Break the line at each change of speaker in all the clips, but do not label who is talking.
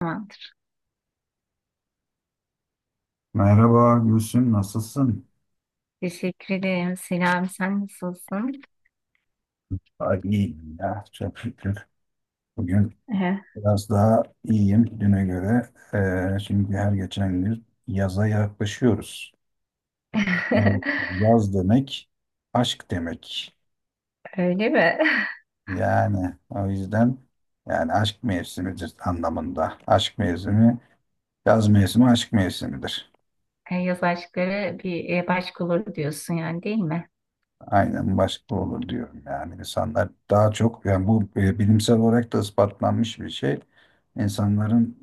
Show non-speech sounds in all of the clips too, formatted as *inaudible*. Tamamdır.
Merhaba Gülsüm, nasılsın?
Teşekkür ederim. Selam, sen nasılsın?
Ay, iyiyim ya, çok şükür. Bugün
Ehe.
biraz daha iyiyim düne göre. Şimdi her geçen gün yaza yaklaşıyoruz. Yani
*laughs*
yaz demek aşk demek.
Öyle mi? *laughs*
O yüzden aşk mevsimidir anlamında. Aşk mevsimi, yaz mevsimi aşk mevsimidir.
Yaz aşkları başka olur diyorsun yani, değil mi?
Aynen başka olur diyorum yani. İnsanlar daha çok, yani bilimsel olarak da ispatlanmış bir şey. İnsanların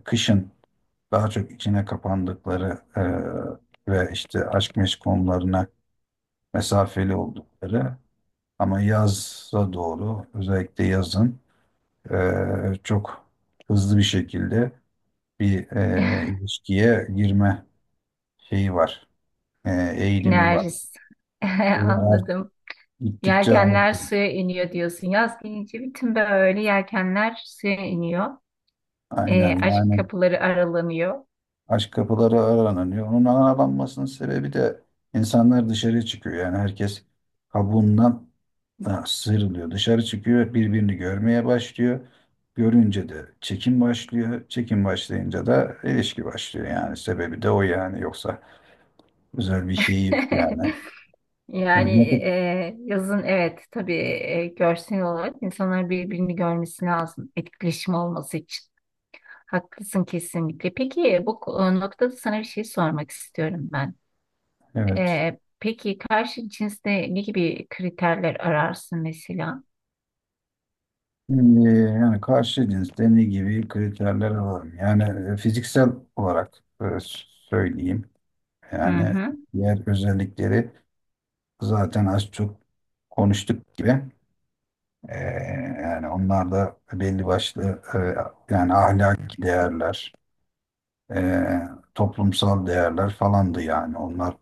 kışın daha çok içine kapandıkları ve işte aşk meşk konularına mesafeli oldukları ama yaza doğru özellikle yazın e, çok hızlı bir şekilde bir
*laughs*
e, ilişkiye girme şeyi var, e, eğilimi var.
Enerjis. *laughs*
Şeyi art,
Anladım.
Gittikçe
Yelkenler
artıyor.
suya iniyor diyorsun. Yaz gelince bütün böyle yelkenler suya iniyor.
Aynen
Aşk
yani.
kapıları aralanıyor.
Aşk kapıları aranıyor. Onun aralanmasının sebebi de insanlar dışarı çıkıyor. Yani herkes kabuğundan, ha, sıyrılıyor. Dışarı çıkıyor, birbirini görmeye başlıyor. Görünce de çekim başlıyor. Çekim başlayınca da ilişki başlıyor. Yani sebebi de o yani. Yoksa özel bir şey yok yani.
*laughs*
Şimdi, ne-
Yazın evet, tabii, görsel olarak insanların birbirini görmesi lazım etkileşim olması için. Haklısın kesinlikle. Peki bu noktada sana bir şey sormak istiyorum ben.
evet.
Peki karşı cinste ne gibi kriterler ararsın mesela?
Şimdi yani karşı cins deney gibi kriterler alalım. Yani fiziksel olarak söyleyeyim.
Hı
Yani
hı,
diğer özellikleri zaten az çok konuştuk gibi. Ee, yani onlar da belli başlı, yani ahlaki değerler, e, toplumsal değerler falandı, yani onlar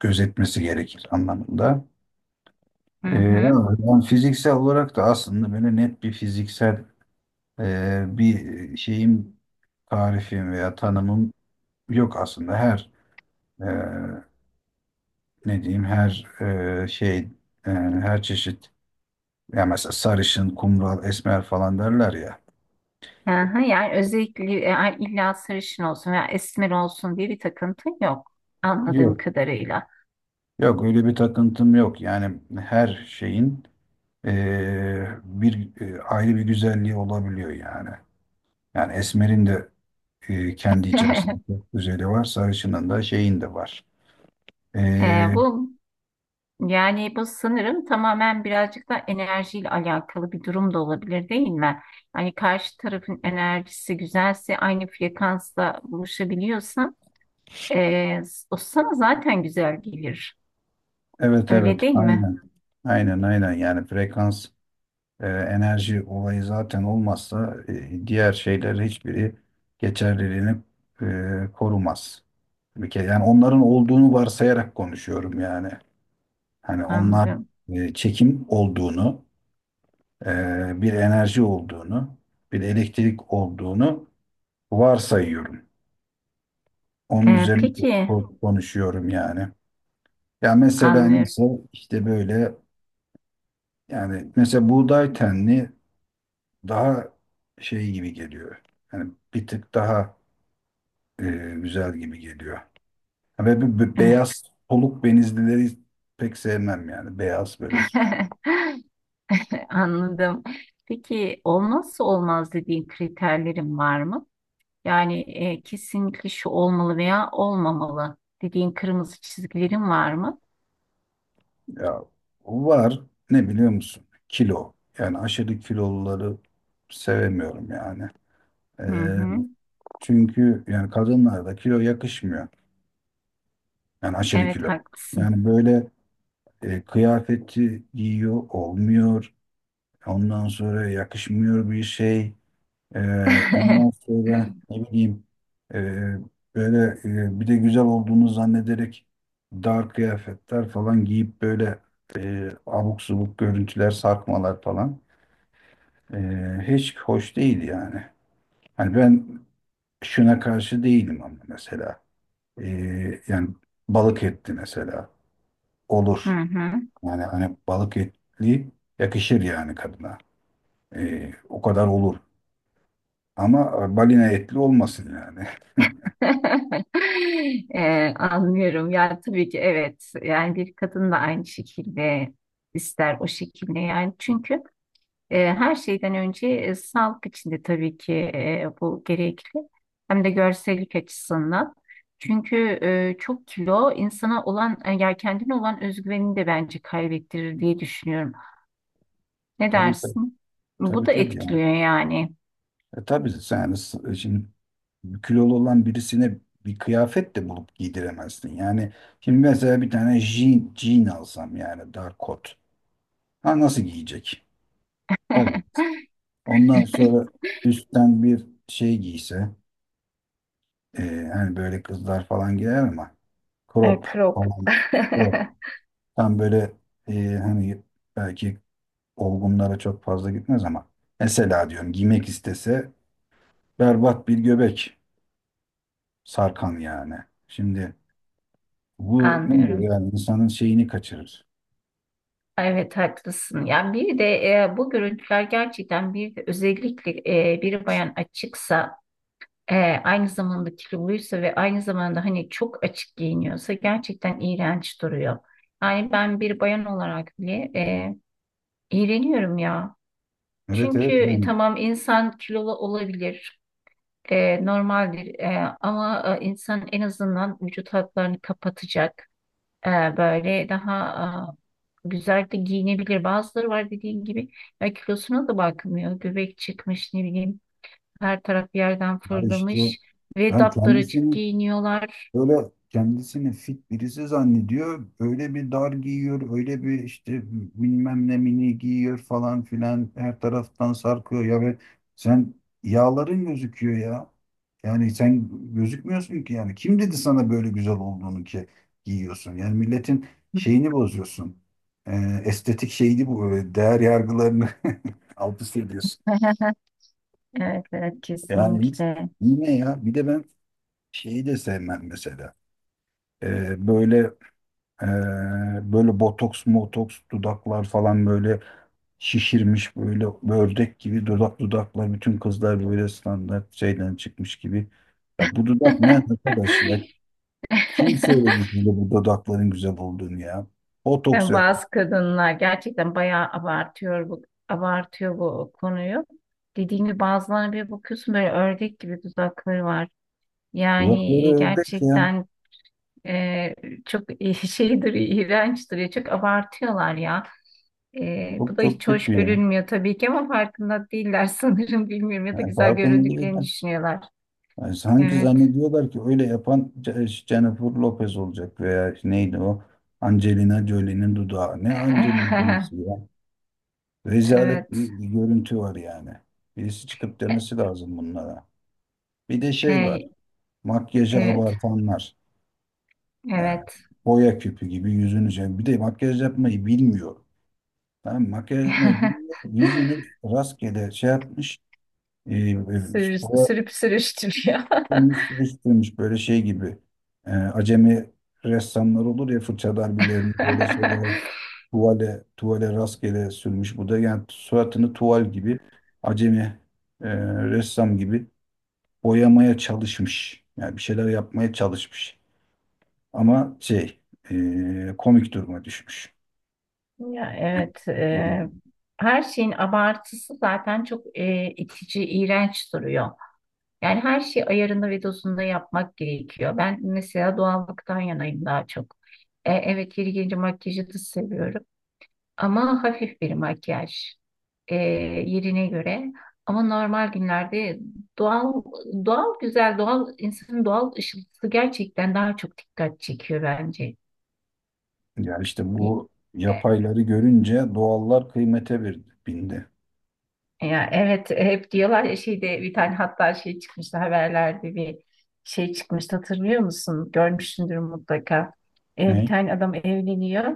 gözetmesi gerekir anlamında.
hı
Ee,
hı.
ben fiziksel olarak da aslında böyle net bir fiziksel bir şeyim, tarifim veya tanımım yok aslında. Her e, ne diyeyim her e, şey e, Her çeşit. Ya mesela sarışın, kumral, esmer falan derler ya.
Aha, yani özellikle illa sarışın olsun veya esmer olsun diye bir takıntın yok anladığım
Yok.
kadarıyla.
Yok öyle bir takıntım yok. Yani her şeyin, bir, ayrı bir güzelliği olabiliyor yani. Yani esmerin de, kendi içerisinde
*laughs*
çok güzeli var. Sarışının da şeyin de var. Eee,
Bu Yani bu sanırım tamamen birazcık da enerjiyle alakalı bir durum da olabilir, değil mi? Hani karşı tarafın enerjisi güzelse, aynı frekansla buluşabiliyorsan eee o sana zaten güzel gelir.
evet
Öyle
evet,
değil mi?
aynen. Aynen aynen, yani frekans. Enerji olayı zaten olmazsa diğer şeyler hiçbiri geçerliliğini korumaz. Bir kere yani onların olduğunu varsayarak konuşuyorum yani. Hani onlar,
Anladım.
çekim olduğunu, bir enerji olduğunu, bir elektrik olduğunu varsayıyorum. Onun üzerine
Peki,
konuşuyorum yani. Ya mesela
anlıyorum.
neyse işte böyle. Yani mesela buğday tenli daha şey gibi geliyor. Yani bir tık daha e, güzel gibi geliyor. Ha, ve bu beyaz
*laughs*
soluk benizlileri pek sevmem yani. Beyaz böyle
Anladım. Peki olmazsa olmaz dediğin kriterlerin var mı? Yani kesinlikle şu olmalı veya olmamalı dediğin kırmızı çizgilerin var mı?
ya var, ne biliyor musun? Kilo. Yani aşırı kiloluları sevemiyorum yani. E,
Hı hı.
çünkü yani kadınlarda kilo yakışmıyor. Yani aşırı
Evet,
kilo.
haklısın.
Yani böyle kıyafeti giyiyor olmuyor. Ondan sonra yakışmıyor bir şey. Ondan
*laughs*
sonra ne bileyim, e, böyle bir de güzel olduğunu zannederek dar kıyafetler falan giyip böyle abuk subuk görüntüler, sarkmalar falan, e, hiç hoş değil yani. Hani ben şuna karşı değilim ama mesela, E, yani balık etli mesela
Hı
olur.
hı.
Yani hani balık etli yakışır yani kadına. E, o kadar olur. Ama balina etli olmasın yani. *laughs*
*laughs* Anlıyorum. Ya tabii ki, evet. Yani bir kadın da aynı şekilde ister o şekilde yani. Çünkü her şeyden önce, sağlık için de tabii ki bu gerekli. Hem de görsellik açısından. Çünkü çok kilo insana olan, ya kendine olan özgüvenini de bence kaybettirir diye düşünüyorum. Ne
Tabii tabii.
dersin? Bu
Tabii
da
tabii yani.
etkiliyor yani.
E, tabii sen yani şimdi kilolu olan birisine bir kıyafet de bulup giydiremezsin. Yani şimdi mesela bir tane jean alsam, yani dar kot. Ha nasıl giyecek? Olmaz. Ondan sonra
*laughs*
üstten bir şey giyse, e, hani böyle kızlar falan giyer ama crop
Krop.
falan, crop.
*laughs*
Tam böyle hani belki olgunlara çok fazla gitmez ama mesela diyorum giymek istese, berbat bir göbek, sarkan yani. Şimdi bu ne diyor
Anlıyorum.
yani, insanın şeyini kaçırır.
Evet, haklısın. Yani bir de bu görüntüler gerçekten, bir de özellikle bir bayan açıksa, e, aynı zamanda kiloluysa ve aynı zamanda hani çok açık giyiniyorsa, gerçekten iğrenç duruyor. Yani ben bir bayan olarak bile iğreniyorum ya.
Evet
Çünkü
evet yani.
tamam, insan kilolu olabilir, normaldir. Ama insan en azından vücut hatlarını kapatacak. Böyle daha güzel de giyinebilir. Bazıları var dediğin gibi, ya kilosuna da bakmıyor. Göbek çıkmış, ne bileyim, her taraf yerden
Ya işte,
fırlamış ve
ben
daptaracık
kendisini
giyiniyorlar.
böyle kendisini fit birisi zannediyor. Öyle bir dar giyiyor, öyle bir işte bilmem ne mini giyiyor falan filan. Her taraftan sarkıyor ya ve sen, yağların gözüküyor ya. Yani sen gözükmüyorsun ki yani. Kim dedi sana böyle güzel olduğunu ki giyiyorsun? Yani milletin şeyini bozuyorsun. Estetik şeyini, değer yargılarını *laughs* alt üst ediyorsun.
*laughs* Evet, evet,
Yani hiç-
kesinlikle.
Yine ya, bir de ben şeyi de sevmem mesela. Ee, böyle Ee, Böyle botoks, motoks, dudaklar falan böyle şişirmiş, böyle ördek gibi dudaklar bütün kızlar böyle standart şeyden çıkmış gibi. Ya bu dudak ne
*laughs*
arkadaş ya? Kim söyledi size bu dudakların güzel olduğunu ya? Botoks
Yani
yapmış.
bazı kadınlar gerçekten bayağı abartıyor bu, konuyu. Dediğim gibi, bazılarına bir bakıyorsun, böyle ördek gibi dudakları var.
Dudakları
Yani
ördek ya.
gerçekten. Ee, Çok *laughs* şeydir, iğrençtir, ya, çok abartıyorlar ya. Bu
Çok
da
çok
hiç hoş
kötü ya.
görünmüyor tabii ki, ama farkında değiller *laughs* sanırım, bilmiyorum, ya da
Yani
güzel
farkında
göründüklerini
değiller.
düşünüyorlar.
Yani sanki
Evet.
zannediyorlar ki öyle yapan Jennifer Lopez olacak, veya neydi o? Angelina Jolie'nin dudağı. Ne Angelina Jolie'si
*laughs*
ya? Rezalet
Evet.
bir görüntü var yani. Birisi çıkıp
E,
demesi lazım bunlara. Bir de şey var.
Hey,
Makyajı
evet.
abartanlar. Yani
Evet.
boya küpü gibi yüzünü şey. Bir de makyaj yapmayı bilmiyor. Tamam mı? Makyaj yapmayı bilmiyor.
*laughs*
Yüzünü rastgele şey yapmış. E, e,
Sürüp sürüştürüyor. *laughs*
Sürüştürmüş böyle şey gibi. Acemi ressamlar olur ya fırça darbelerini böyle şeyler tuvale rastgele sürmüş. Bu da yani suratını tuval gibi, acemi e, ressam gibi boyamaya çalışmış. Yani bir şeyler yapmaya çalışmış. Ama şey, komik duruma düşmüş.
Ya, evet.
Yani,
Her şeyin abartısı zaten çok itici, iğrenç duruyor. Yani her şeyi ayarında ve dozunda yapmak gerekiyor. Ben mesela doğallıktan yanayım daha çok. Evet, yeri gelince makyajı da seviyorum. Ama hafif bir makyaj, e, yerine göre. Ama normal günlerde doğal, güzel, doğal, insanın doğal ışıltısı gerçekten daha çok dikkat çekiyor bence.
yani işte bu yapayları görünce doğallar kıymete bir bindi.
Ya evet, hep diyorlar ya, şeyde bir tane, hatta şey çıkmıştı haberlerde, bir şey çıkmıştı, hatırlıyor musun? Görmüşsündür mutlaka. Bir
Ne?
tane adam evleniyor.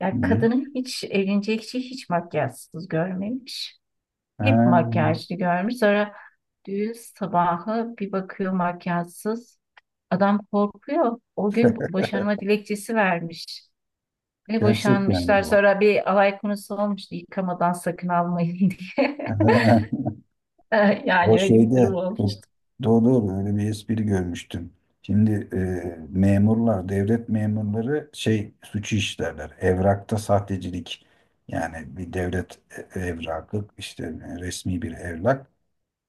Ya
Hı.
kadının hiç, evlenecek kişi hiç makyajsız görmemiş.
Ha,
Hep makyajlı görmüş. Sonra düğün sabahı bir bakıyor makyajsız. Adam korkuyor. O gün boşanma dilekçesi vermiş. Ve
gerçek yani
boşanmışlar.
bu.
Sonra bir alay konusu olmuştu, yıkamadan sakın almayın *laughs* diye.
*laughs*
*laughs*
O
Yani öyle bir durum
şeyde
olmuş.
o- doğru doğru, öyle bir espri görmüştüm. Şimdi memurlar, devlet memurları şey suçu işlerler. Evrakta sahtecilik. Yani bir devlet evrakı, işte resmi bir evrak.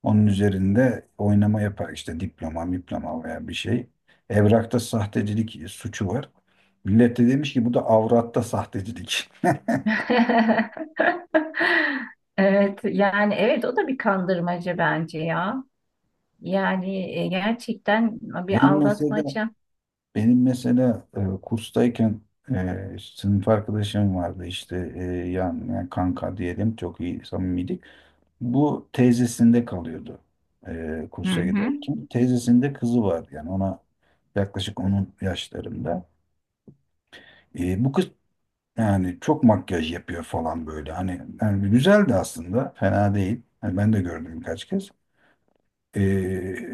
Onun üzerinde oynama yapar işte diploma veya bir şey. Evrakta sahtecilik suçu var. Millet de demiş ki bu da avratta sahtecilik. *laughs*
*laughs* Evet, yani evet, o da bir kandırmaca bence ya. Yani gerçekten bir
Benim mesela
aldatmaca.
Benim mesela kurstayken sınıf arkadaşım vardı, işte yani kanka diyelim, çok iyi samimiydik. Bu teyzesinde kalıyordu
Hı
kursa
hı.
giderken. Teyzesinde kızı var yani ona yaklaşık onun yaşlarında. E, bu kız yani çok makyaj yapıyor falan böyle, hani yani güzeldi aslında, fena değil. Yani ben de gördüm birkaç kez. E,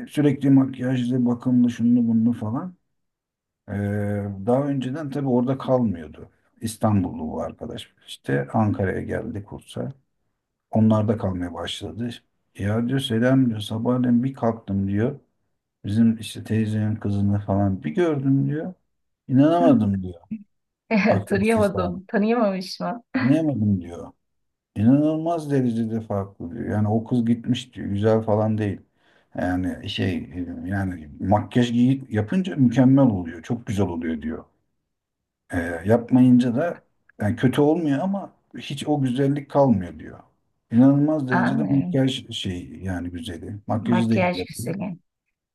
sürekli makyajlı, bakımlı, şunlu bunlu falan. Ee, daha önceden tabii orada kalmıyordu. İstanbullu bu arkadaş. İşte Ankara'ya geldi kursa. Onlar da kalmaya başladı. Ya diyor, selam diyor, sabahleyin bir kalktım diyor. Bizim işte teyzenin kızını falan bir gördüm diyor. İnanamadım diyor.
*laughs*
Akrasiz falan.
Tanıyamadım, tanıyamamış mı?
Anlayamadım diyor. İnanılmaz derecede farklı diyor. Yani o kız gitmiş diyor. Güzel falan değil. Yani şey, yani makyaj giyip yapınca mükemmel oluyor. Çok güzel oluyor diyor. E, yapmayınca da yani kötü olmuyor ama hiç o güzellik kalmıyor diyor. İnanılmaz derecede
Anlıyorum.
makyaj şey, yani güzeli. Makyajı da iyi
Makyaj
yapıyor.
güzeli.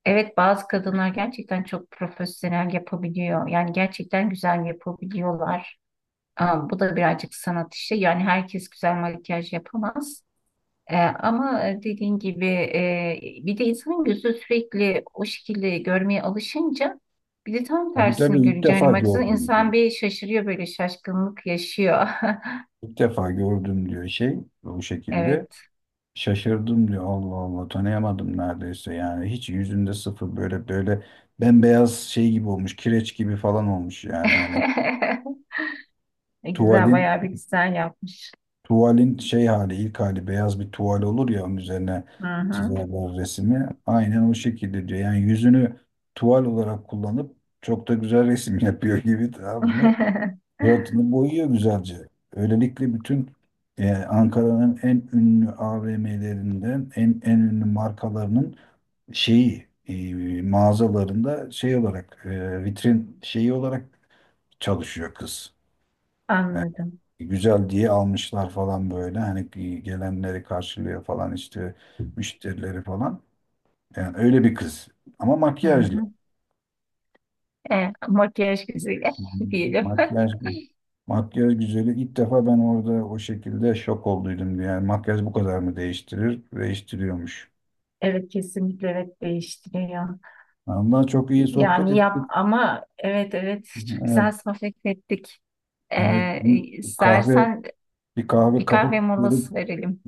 Evet, bazı kadınlar gerçekten çok profesyonel yapabiliyor. Yani gerçekten güzel yapabiliyorlar. Aa, bu da birazcık sanat işi. Yani herkes güzel makyaj yapamaz. Ama dediğin gibi, bir de insanın gözü sürekli o şekilde görmeye alışınca, bir de tam
Tabii tabii,
tersini
ilk
görünce,
defa
hani baksana,
gördüm diyor.
insan bir şaşırıyor, böyle şaşkınlık yaşıyor. *laughs*
İlk defa gördüm diyor şey bu şekilde.
Evet.
Şaşırdım diyor, Allah Allah tanıyamadım neredeyse yani, hiç yüzünde sıfır, böyle böyle bembeyaz şey gibi olmuş, kireç gibi falan olmuş yani hani,
*laughs* Güzel,
tuvalin
bayağı bir güzel yapmış.
tuvalin şey hali, ilk hali beyaz bir tuval olur ya, onun üzerine
Hı hı.
çizerler resmi. Aynen o şekilde diyor. Yani yüzünü tuval olarak kullanıp çok da güzel resim *laughs* yapıyor gibi, tamam mı?
*laughs*
Suratını boyuyor güzelce. Öylelikle bütün Ankara'nın en ünlü AVM'lerinden, en ünlü markalarının şeyi, mağazalarında şey olarak, vitrin şeyi olarak çalışıyor kız. E,
Anladım.
güzel diye almışlar falan böyle. Hani gelenleri karşılıyor falan, işte müşterileri falan. Yani öyle bir kız. Ama
Hı
makyajlı.
hı. Makyaj güzeli
Hı hı.
*laughs* diyelim.
Makyaj Makyaj güzeli ilk defa ben orada o şekilde şok olduydum. Yani makyaj bu kadar mı değiştirir? Değiştiriyormuş.
Evet, kesinlikle evet, değiştiriyor.
Ondan çok iyi sohbet
Yani yap
ettik.
ama evet evet, çok güzel
Evet,
sohbet ettik.
evet.
Ee,
Kahve,
istersen
bir kahve
bir
kapıp
kahve
gelip
molası verelim.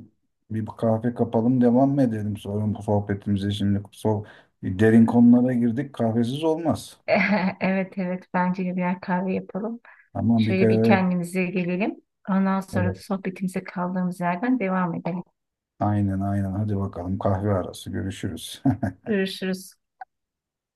bir kahve kapalım, devam mı edelim sonra bu sohbetimize. Şimdi so derin konulara girdik. Kahvesiz olmaz.
*laughs* Evet evet, bence de birer kahve yapalım.
Ama bir
Şöyle bir
gayret.
kendimize gelelim. Ondan sonra da
Evet.
sohbetimize kaldığımız yerden devam edelim.
Aynen aynen. Hadi bakalım, kahve arası görüşürüz.
Görüşürüz.